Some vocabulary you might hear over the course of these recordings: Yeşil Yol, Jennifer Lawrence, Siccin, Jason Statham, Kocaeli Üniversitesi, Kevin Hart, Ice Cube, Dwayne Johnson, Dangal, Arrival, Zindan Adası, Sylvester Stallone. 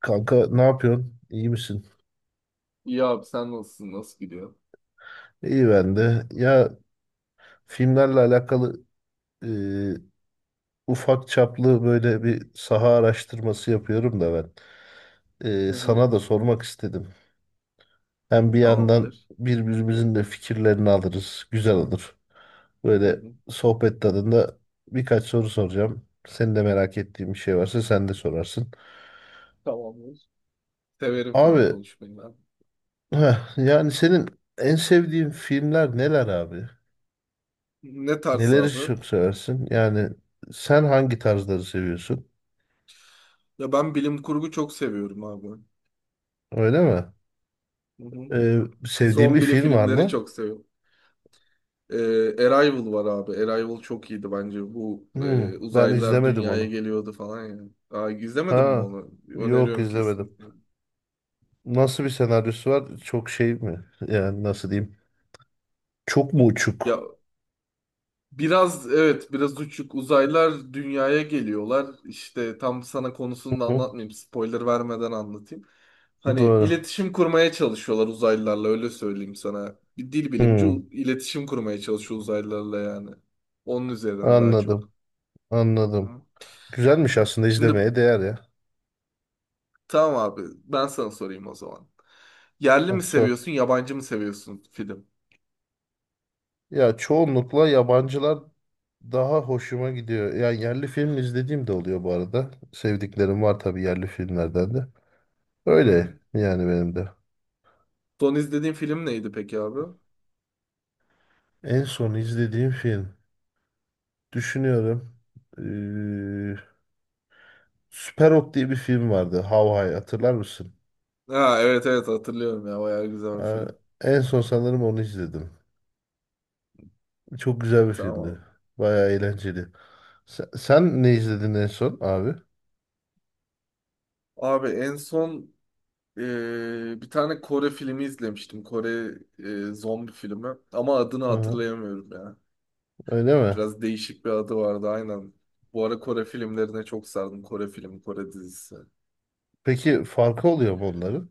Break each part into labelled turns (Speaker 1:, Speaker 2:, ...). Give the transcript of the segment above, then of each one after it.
Speaker 1: Kanka ne yapıyorsun? İyi misin?
Speaker 2: İyi abi, sen nasılsın? Nasıl gidiyor?
Speaker 1: İyi ben de. Ya filmlerle alakalı e, ufak çaplı böyle bir saha araştırması yapıyorum da ben.
Speaker 2: Hı hı.
Speaker 1: Sana da sormak istedim. Hem bir yandan
Speaker 2: Tamamdır.
Speaker 1: birbirimizin de fikirlerini alırız. Güzel olur.
Speaker 2: Hı
Speaker 1: Böyle
Speaker 2: hı.
Speaker 1: sohbet tadında birkaç soru soracağım. Senin de merak ettiğin bir şey varsa sen de sorarsın.
Speaker 2: Tamamdır. Severim film
Speaker 1: Abi
Speaker 2: konuşmayı ben.
Speaker 1: yani senin en sevdiğin filmler neler abi?
Speaker 2: Ne tarz
Speaker 1: Neleri
Speaker 2: abi?
Speaker 1: çok seversin? Yani sen hangi tarzları seviyorsun?
Speaker 2: Ya ben bilim kurgu çok seviyorum abi.
Speaker 1: Öyle mi?
Speaker 2: Hı hı.
Speaker 1: Ee, sevdiğin bir
Speaker 2: Zombili
Speaker 1: film var
Speaker 2: filmleri
Speaker 1: mı?
Speaker 2: çok seviyorum. Arrival var abi. Arrival çok iyiydi bence. Bu
Speaker 1: Ben
Speaker 2: uzaylılar
Speaker 1: izlemedim
Speaker 2: dünyaya
Speaker 1: onu.
Speaker 2: geliyordu falan ya. Aa, izlemedin mi
Speaker 1: Ha,
Speaker 2: onu?
Speaker 1: yok
Speaker 2: Öneriyorum
Speaker 1: izlemedim.
Speaker 2: kesinlikle.
Speaker 1: Nasıl bir senaryosu var? Çok şey mi? Yani nasıl diyeyim? Çok mu
Speaker 2: Ya,
Speaker 1: uçuk?
Speaker 2: biraz evet, biraz uçuk. Uzaylılar dünyaya geliyorlar. İşte tam sana konusunu da
Speaker 1: Hı
Speaker 2: anlatmayayım. Spoiler vermeden anlatayım.
Speaker 1: hı,
Speaker 2: Hani
Speaker 1: doğru.
Speaker 2: iletişim kurmaya çalışıyorlar uzaylılarla, öyle söyleyeyim sana. Bir dil bilimci
Speaker 1: Hmm,
Speaker 2: iletişim kurmaya çalışıyor uzaylılarla yani. Onun üzerine daha çok.
Speaker 1: Anladım, anladım.
Speaker 2: Tamam.
Speaker 1: Güzelmiş, aslında
Speaker 2: Şimdi
Speaker 1: izlemeye değer ya.
Speaker 2: tamam abi, ben sana sorayım o zaman. Yerli
Speaker 1: Ha,
Speaker 2: mi
Speaker 1: sor.
Speaker 2: seviyorsun, yabancı mı seviyorsun film?
Speaker 1: Ya çoğunlukla yabancılar daha hoşuma gidiyor. Yani yerli film izlediğim de
Speaker 2: Hı
Speaker 1: oluyor bu arada. Sevdiklerim var tabii yerli filmlerden de. Öyle
Speaker 2: hı.
Speaker 1: yani benim de.
Speaker 2: Son izlediğin film neydi peki abi?
Speaker 1: En son izlediğim film. Düşünüyorum. Ee, Süper Ok diye bir film vardı. How High hatırlar mısın?
Speaker 2: Ha, evet evet, hatırlıyorum ya, bayağı güzel bir
Speaker 1: Ha,
Speaker 2: film.
Speaker 1: en son sanırım onu izledim. Çok güzel bir
Speaker 2: Tamam
Speaker 1: filmdi.
Speaker 2: abi.
Speaker 1: Bayağı eğlenceli. Sen ne izledin en son abi?
Speaker 2: Abi en son bir tane Kore filmi izlemiştim. Kore zombi filmi. Ama adını
Speaker 1: Hı hı.
Speaker 2: hatırlayamıyorum ya.
Speaker 1: Öyle mi?
Speaker 2: Biraz değişik bir adı vardı, aynen. Bu ara Kore filmlerine çok sardım. Kore filmi, Kore dizisi.
Speaker 1: Peki farkı oluyor mu onların?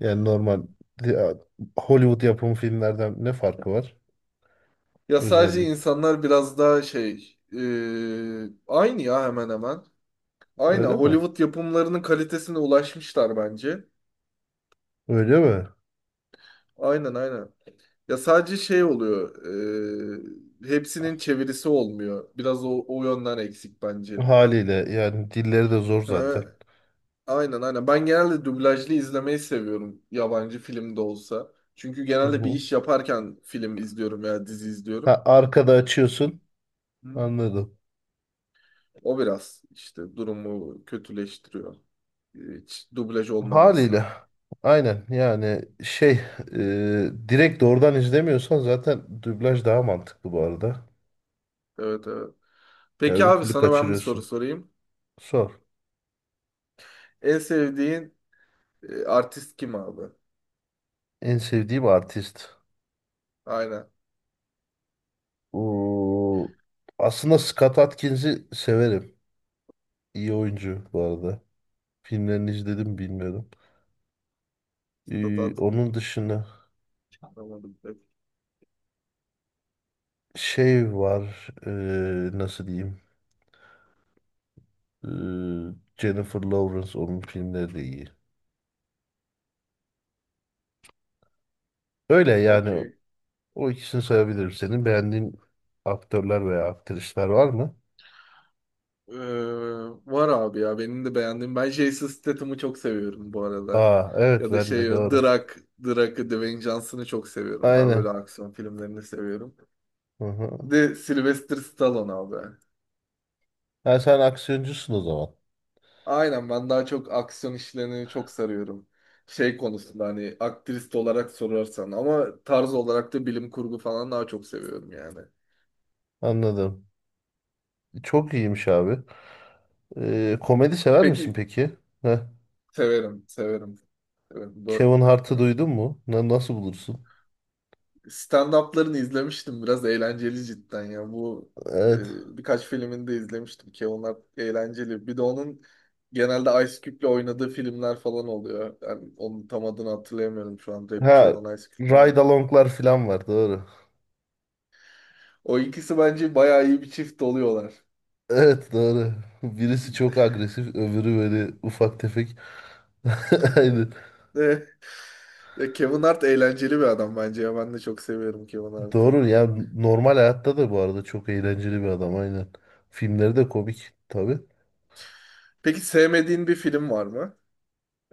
Speaker 1: Yani normal ya, Hollywood yapımı filmlerden ne farkı var
Speaker 2: Ya sadece
Speaker 1: özellikle?
Speaker 2: insanlar biraz daha şey... aynı ya, hemen hemen. Aynı
Speaker 1: Öyle mi?
Speaker 2: Hollywood yapımlarının kalitesine ulaşmışlar bence.
Speaker 1: Öyle mi?
Speaker 2: Aynen aynen. Ya sadece şey oluyor. Hepsinin çevirisi olmuyor. Biraz o yönden eksik bence.
Speaker 1: Haliyle yani dilleri de zor
Speaker 2: Ha,
Speaker 1: zaten.
Speaker 2: aynen aynen. Ben genelde dublajlı izlemeyi seviyorum. Yabancı film de olsa. Çünkü
Speaker 1: Hı
Speaker 2: genelde bir
Speaker 1: hı.
Speaker 2: iş yaparken film izliyorum veya dizi izliyorum.
Speaker 1: Ha, arkada açıyorsun.
Speaker 2: Hı.
Speaker 1: Anladım.
Speaker 2: O biraz işte durumu kötüleştiriyor. Hiç dublaj
Speaker 1: Haliyle.
Speaker 2: olmaması.
Speaker 1: Aynen yani direkt doğrudan izlemiyorsan zaten dublaj daha mantıklı bu arada.
Speaker 2: Evet evet.
Speaker 1: Ya
Speaker 2: Peki
Speaker 1: öbür
Speaker 2: abi,
Speaker 1: türlü
Speaker 2: sana ben bir soru
Speaker 1: kaçırıyorsun.
Speaker 2: sorayım.
Speaker 1: Sor.
Speaker 2: En sevdiğin artist kim abi?
Speaker 1: En sevdiğim artist.
Speaker 2: Aynen.
Speaker 1: Oo, aslında Scott Adkins'i severim. İyi oyuncu bu arada. Filmlerini izledim bilmiyorum.
Speaker 2: Stat-
Speaker 1: Onun dışında
Speaker 2: Tamam.
Speaker 1: şey var, nasıl diyeyim, Ee, Jennifer Lawrence onun filmleri de iyi. Öyle yani,
Speaker 2: Okey.
Speaker 1: o ikisini sayabilirim. Senin beğendiğin aktörler veya aktrisler var mı?
Speaker 2: Ee, var abi ya, benim de beğendiğim. Ben Jason Statham'ı çok seviyorum bu arada.
Speaker 1: Aa evet,
Speaker 2: Ya da
Speaker 1: ben
Speaker 2: şey,
Speaker 1: de doğru.
Speaker 2: Drak, Drak'ı, Dwayne Johnson'ı çok seviyorum. Daha böyle
Speaker 1: Aynen.
Speaker 2: aksiyon filmlerini seviyorum.
Speaker 1: Hı
Speaker 2: Bir
Speaker 1: hı.
Speaker 2: de Sylvester Stallone abi.
Speaker 1: Ha, sen aksiyoncusun o zaman.
Speaker 2: Aynen, ben daha çok aksiyon işlerini çok sarıyorum. Şey konusunda, hani aktrist olarak sorarsan, ama tarz olarak da bilim kurgu falan daha çok seviyorum yani.
Speaker 1: Anladım. Çok iyiymiş abi. Komedi sever misin
Speaker 2: Peki
Speaker 1: peki? Heh.
Speaker 2: severim, severim, severim. Bu...
Speaker 1: Kevin Hart'ı duydun mu? Nasıl bulursun?
Speaker 2: Stand-up'larını izlemiştim. Biraz eğlenceli cidden ya. Bu
Speaker 1: Evet.
Speaker 2: birkaç filmini de izlemiştim ki onlar eğlenceli. Bir de onun genelde Ice Cube'le oynadığı filmler falan oluyor. Yani onun tam adını hatırlayamıyorum şu an.
Speaker 1: Ha,
Speaker 2: Rapçi olan Ice Cube var
Speaker 1: ride
Speaker 2: ya.
Speaker 1: along'lar falan var, doğru.
Speaker 2: O ikisi bence bayağı iyi bir çift oluyorlar.
Speaker 1: Evet, doğru. Birisi çok agresif, öbürü böyle ufak tefek. Aynen.
Speaker 2: Ya Kevin Hart eğlenceli bir adam bence ya. Ben de çok seviyorum Kevin Hart'ı.
Speaker 1: Doğru ya, normal hayatta da bu arada çok eğlenceli bir adam, aynen. Filmleri de komik tabii.
Speaker 2: Peki sevmediğin bir film var mı?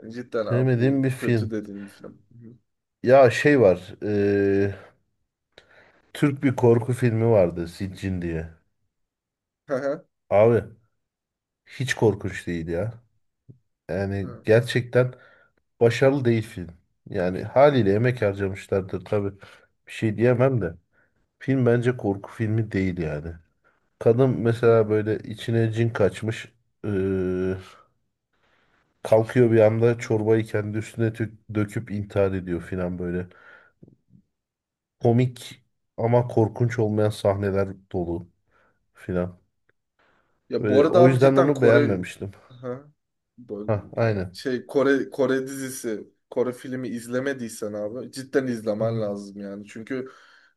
Speaker 2: Cidden abi,
Speaker 1: Sevmediğim bir
Speaker 2: bu kötü
Speaker 1: film.
Speaker 2: dediğin bir film.
Speaker 1: Ya şey var. Türk bir korku filmi vardı, Siccin diye.
Speaker 2: Hı hı.
Speaker 1: Abi hiç korkunç değil ya. Yani
Speaker 2: Hı
Speaker 1: gerçekten başarılı değil film. Yani haliyle emek harcamışlardır tabii. Bir şey diyemem de. Film bence korku filmi değil yani. Kadın mesela
Speaker 2: hı.
Speaker 1: böyle içine cin kaçmış. eee, kalkıyor bir anda
Speaker 2: Hı.
Speaker 1: çorbayı kendi üstüne döküp intihar ediyor filan böyle. Komik ama korkunç olmayan sahneler dolu filan.
Speaker 2: Ya bu
Speaker 1: Böyle,
Speaker 2: arada
Speaker 1: o
Speaker 2: abi,
Speaker 1: yüzden
Speaker 2: cidden
Speaker 1: onu
Speaker 2: Kore...
Speaker 1: beğenmemiştim.
Speaker 2: ha,
Speaker 1: Ha
Speaker 2: böldüm yine.
Speaker 1: aynen.
Speaker 2: Şey, Kore dizisi, Kore filmi izlemediysen abi cidden izlemen
Speaker 1: Hı
Speaker 2: lazım yani. Çünkü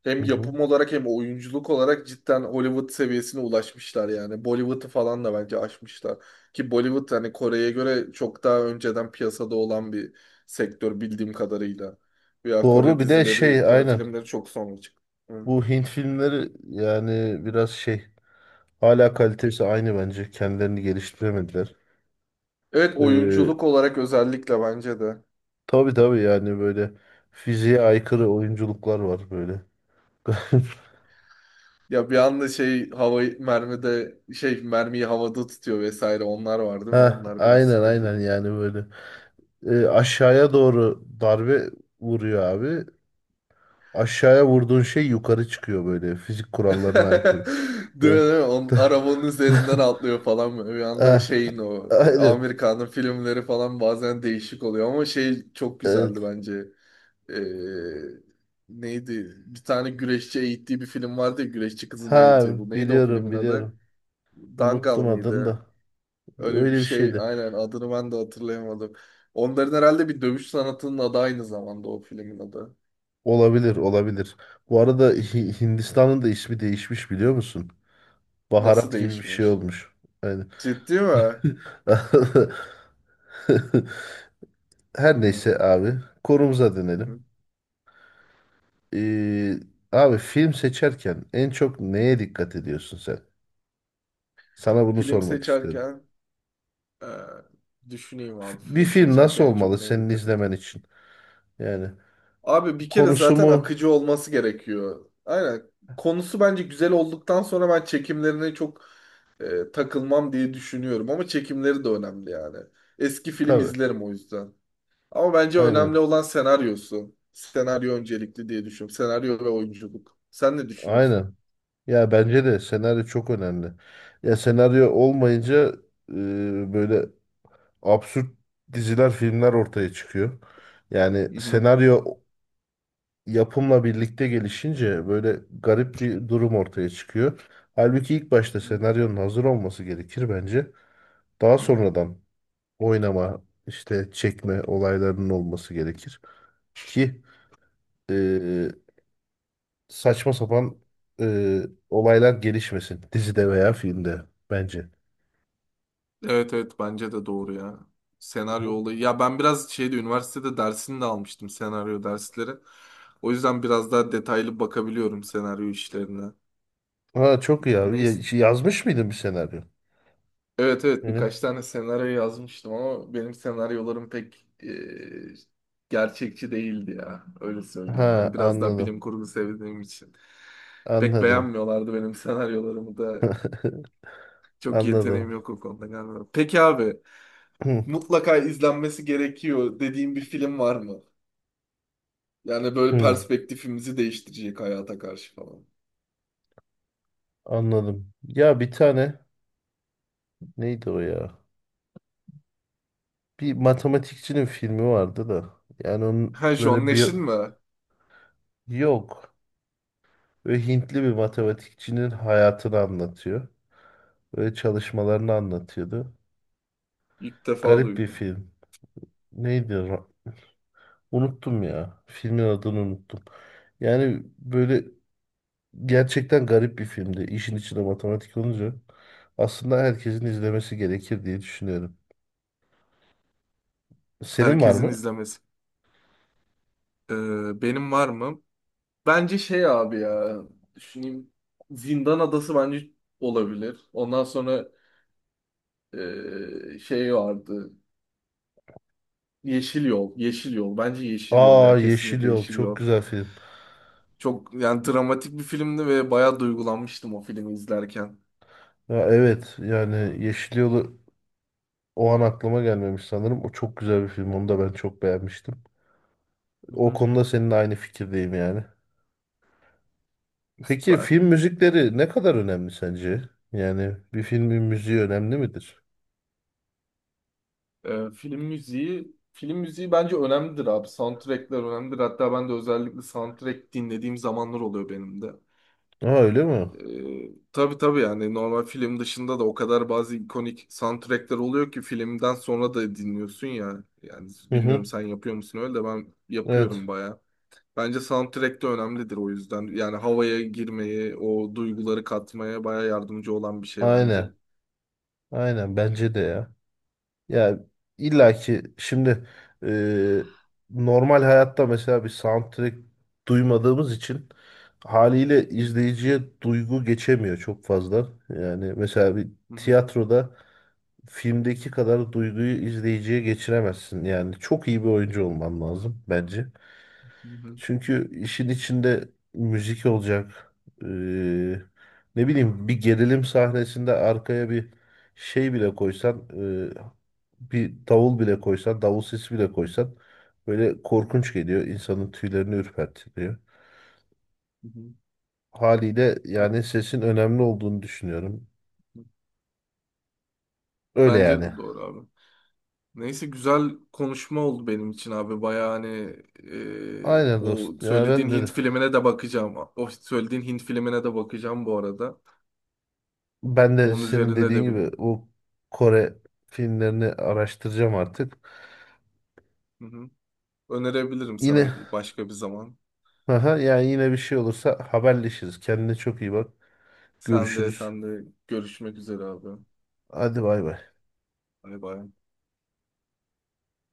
Speaker 2: hem
Speaker 1: hı. Hı.
Speaker 2: yapım olarak hem oyunculuk olarak cidden Hollywood seviyesine ulaşmışlar yani. Bollywood'u falan da bence aşmışlar. Ki Bollywood, hani Kore'ye göre çok daha önceden piyasada olan bir sektör bildiğim kadarıyla. Ya
Speaker 1: Doğru,
Speaker 2: Kore
Speaker 1: bir de şey
Speaker 2: dizileri, Kore
Speaker 1: aynen.
Speaker 2: filmleri çok sonra çıktı. Hı.
Speaker 1: Bu Hint filmleri yani biraz şey, hala kalitesi aynı bence. Kendilerini geliştiremediler.
Speaker 2: Evet oyunculuk olarak özellikle bence de.
Speaker 1: Tabii tabii, yani böyle fiziğe aykırı oyunculuklar var böyle.
Speaker 2: Ya bir anda şey havayı mermide, şey mermiyi havada tutuyor vesaire, onlar var değil mi?
Speaker 1: Ha,
Speaker 2: Onlar biraz
Speaker 1: aynen
Speaker 2: sıkıntı.
Speaker 1: aynen yani böyle. Aşağıya doğru darbe vuruyor abi. Aşağıya vurduğun şey yukarı çıkıyor, böyle fizik kurallarına
Speaker 2: Değil
Speaker 1: aykırı.
Speaker 2: mi? Değil
Speaker 1: Ve-
Speaker 2: mi? On, arabanın üzerinden atlıyor falan böyle. Bir anda
Speaker 1: Ah,
Speaker 2: şeyin
Speaker 1: aynen.
Speaker 2: Amerika'nın filmleri falan bazen değişik oluyor ama şey çok
Speaker 1: Evet.
Speaker 2: güzeldi bence. Ee, neydi? Bir tane güreşçi eğittiği bir film vardı ya, güreşçi kızı,
Speaker 1: Ha,
Speaker 2: neydi? Bu neydi o
Speaker 1: biliyorum
Speaker 2: filmin adı?
Speaker 1: biliyorum.
Speaker 2: Dangal
Speaker 1: Unuttum adını
Speaker 2: mıydı?
Speaker 1: da.
Speaker 2: Öyle bir
Speaker 1: Öyle bir
Speaker 2: şey
Speaker 1: şeydi.
Speaker 2: aynen, adını ben de hatırlayamadım. Onların herhalde bir dövüş sanatının adı aynı zamanda o filmin adı.
Speaker 1: Olabilir olabilir. Bu arada Hindistan'ın da ismi değişmiş, biliyor musun?
Speaker 2: Nasıl
Speaker 1: Baharat gibi bir şey
Speaker 2: değişmiş?
Speaker 1: olmuş. Aynen.
Speaker 2: Ciddi mi?
Speaker 1: Her
Speaker 2: Hı.
Speaker 1: neyse abi. Konumuza dönelim.
Speaker 2: Hı.
Speaker 1: Ee, abi film seçerken en çok neye dikkat ediyorsun sen? Sana bunu
Speaker 2: Film
Speaker 1: sormak istiyorum.
Speaker 2: seçerken e, düşüneyim abi.
Speaker 1: Bir
Speaker 2: Film
Speaker 1: film nasıl
Speaker 2: seçerken en çok
Speaker 1: olmalı
Speaker 2: neye
Speaker 1: senin
Speaker 2: dikkat
Speaker 1: izlemen
Speaker 2: edeyim?
Speaker 1: için? Yani
Speaker 2: Abi bir kere
Speaker 1: konusu
Speaker 2: zaten
Speaker 1: mu?
Speaker 2: akıcı olması gerekiyor. Aynen. Konusu bence güzel olduktan sonra ben çekimlerine çok takılmam diye düşünüyorum. Ama çekimleri de önemli yani. Eski film
Speaker 1: Tabii.
Speaker 2: izlerim o yüzden. Ama bence önemli
Speaker 1: Aynen.
Speaker 2: olan senaryosu. Senaryo öncelikli diye düşünüyorum. Senaryo ve oyunculuk. Sen ne düşünüyorsun?
Speaker 1: Aynen. Ya bence de senaryo çok önemli. Ya senaryo olmayınca e, böyle absürt diziler, filmler ortaya çıkıyor. Yani
Speaker 2: Hı hı.
Speaker 1: senaryo yapımla birlikte gelişince böyle garip bir durum ortaya çıkıyor. Halbuki ilk başta senaryonun hazır olması gerekir bence. Daha
Speaker 2: Hı hı.
Speaker 1: sonradan oynama, işte çekme olaylarının olması gerekir. Ki e, saçma sapan e, olaylar gelişmesin dizide veya filmde, bence.
Speaker 2: Evet evet, bence de doğru ya. Senaryo olayı. Ya ben biraz şeyde, üniversitede dersini de almıştım, senaryo dersleri. O yüzden biraz daha detaylı bakabiliyorum senaryo işlerine.
Speaker 1: Ha çok iyi abi.
Speaker 2: Neyse.
Speaker 1: Yazmış mıydın bir senaryo?
Speaker 2: Evet evet,
Speaker 1: Yani.
Speaker 2: birkaç tane senaryo yazmıştım ama benim senaryolarım pek gerçekçi değildi ya. Öyle söyleyeyim. Hani
Speaker 1: Ha
Speaker 2: biraz daha
Speaker 1: anladım.
Speaker 2: bilim kurgu sevdiğim için. Pek
Speaker 1: Anladım.
Speaker 2: beğenmiyorlardı benim senaryolarımı da. Çok
Speaker 1: Anladım.
Speaker 2: yeteneğim yok o konuda galiba. Peki abi, mutlaka izlenmesi gerekiyor dediğim bir film var mı? Yani böyle
Speaker 1: Hı,
Speaker 2: perspektifimizi değiştirecek hayata karşı falan.
Speaker 1: anladım. Ya bir tane, neydi o ya? Bir matematikçinin filmi vardı da. Yani onun
Speaker 2: Ha, John
Speaker 1: böyle bir,
Speaker 2: Nash'in mi?
Speaker 1: yok. Böyle Hintli bir matematikçinin hayatını anlatıyor. Böyle çalışmalarını anlatıyordu.
Speaker 2: İlk defa
Speaker 1: Garip bir
Speaker 2: duydum.
Speaker 1: film. Neydi? Unuttum ya. Filmin adını unuttum. Yani böyle gerçekten garip bir filmdi. İşin içinde matematik olunca aslında herkesin izlemesi gerekir diye düşünüyorum. Senin var
Speaker 2: Herkesin
Speaker 1: mı?
Speaker 2: izlemesi. Ee, benim var mı? Bence şey abi ya, düşüneyim. Zindan Adası bence olabilir. Ondan sonra şey vardı. Yeşil Yol. Yeşil Yol. Bence Yeşil Yol
Speaker 1: Aa,
Speaker 2: ya,
Speaker 1: Yeşil
Speaker 2: kesinlikle
Speaker 1: Yol
Speaker 2: Yeşil
Speaker 1: çok
Speaker 2: Yol.
Speaker 1: güzel film.
Speaker 2: Çok yani dramatik bir filmdi ve bayağı duygulanmıştım o filmi izlerken.
Speaker 1: Ya evet, yani Yeşil Yol'u, o an aklıma gelmemiş sanırım. O çok güzel bir film. Onu da ben çok beğenmiştim.
Speaker 2: Hı
Speaker 1: O
Speaker 2: hı.
Speaker 1: konuda seninle aynı fikirdeyim yani. Peki
Speaker 2: Süper.
Speaker 1: film müzikleri ne kadar önemli sence? Yani bir filmin müziği önemli midir?
Speaker 2: Film müziği bence önemlidir abi. Soundtrack'ler önemlidir. Hatta ben de özellikle soundtrack dinlediğim zamanlar oluyor benim de.
Speaker 1: Aa, öyle mi?
Speaker 2: Tabii tabii, yani normal film dışında da o kadar bazı ikonik soundtrackler oluyor ki filmden sonra da dinliyorsun ya. Yani
Speaker 1: Hı
Speaker 2: bilmiyorum
Speaker 1: hı.
Speaker 2: sen yapıyor musun öyle, de ben yapıyorum
Speaker 1: Evet.
Speaker 2: baya. Bence soundtrack de önemlidir o yüzden. Yani havaya girmeye, o duyguları katmaya baya yardımcı olan bir şey bence.
Speaker 1: Aynen. Aynen bence de ya. Ya
Speaker 2: Evet.
Speaker 1: illaki şimdi e, normal hayatta mesela bir soundtrack duymadığımız için haliyle
Speaker 2: Hı
Speaker 1: izleyiciye duygu geçemiyor çok fazla. Yani mesela bir
Speaker 2: hı, hı hı,
Speaker 1: tiyatroda filmdeki kadar duyguyu izleyiciye geçiremezsin. Yani çok iyi bir oyuncu olman lazım bence.
Speaker 2: hı hı.
Speaker 1: Çünkü işin içinde müzik olacak. Ee, ne bileyim, bir gerilim sahnesinde arkaya bir şey bile koysan, e, bir davul bile koysan, davul sesi bile koysan böyle korkunç geliyor. İnsanın tüylerini ürpertiyor. Haliyle
Speaker 2: Bak.
Speaker 1: yani sesin önemli olduğunu düşünüyorum. Öyle
Speaker 2: Bence de
Speaker 1: yani.
Speaker 2: doğru abi. Neyse, güzel konuşma oldu benim için abi. Baya hani
Speaker 1: Aynen
Speaker 2: o
Speaker 1: dostum.
Speaker 2: söylediğin Hint filmine de bakacağım. O söylediğin Hint filmine de bakacağım bu arada.
Speaker 1: Ben de
Speaker 2: Onun
Speaker 1: senin
Speaker 2: üzerine
Speaker 1: dediğin
Speaker 2: de
Speaker 1: gibi
Speaker 2: benim.
Speaker 1: o Kore filmlerini araştıracağım artık.
Speaker 2: Hı hı. Önerebilirim sana
Speaker 1: Yine
Speaker 2: başka bir zaman.
Speaker 1: aha, yani yine bir şey olursa haberleşiriz. Kendine çok iyi bak.
Speaker 2: Sen de,
Speaker 1: Görüşürüz.
Speaker 2: sen de, görüşmek üzere abi.
Speaker 1: Hadi bay bay.
Speaker 2: Bay bay.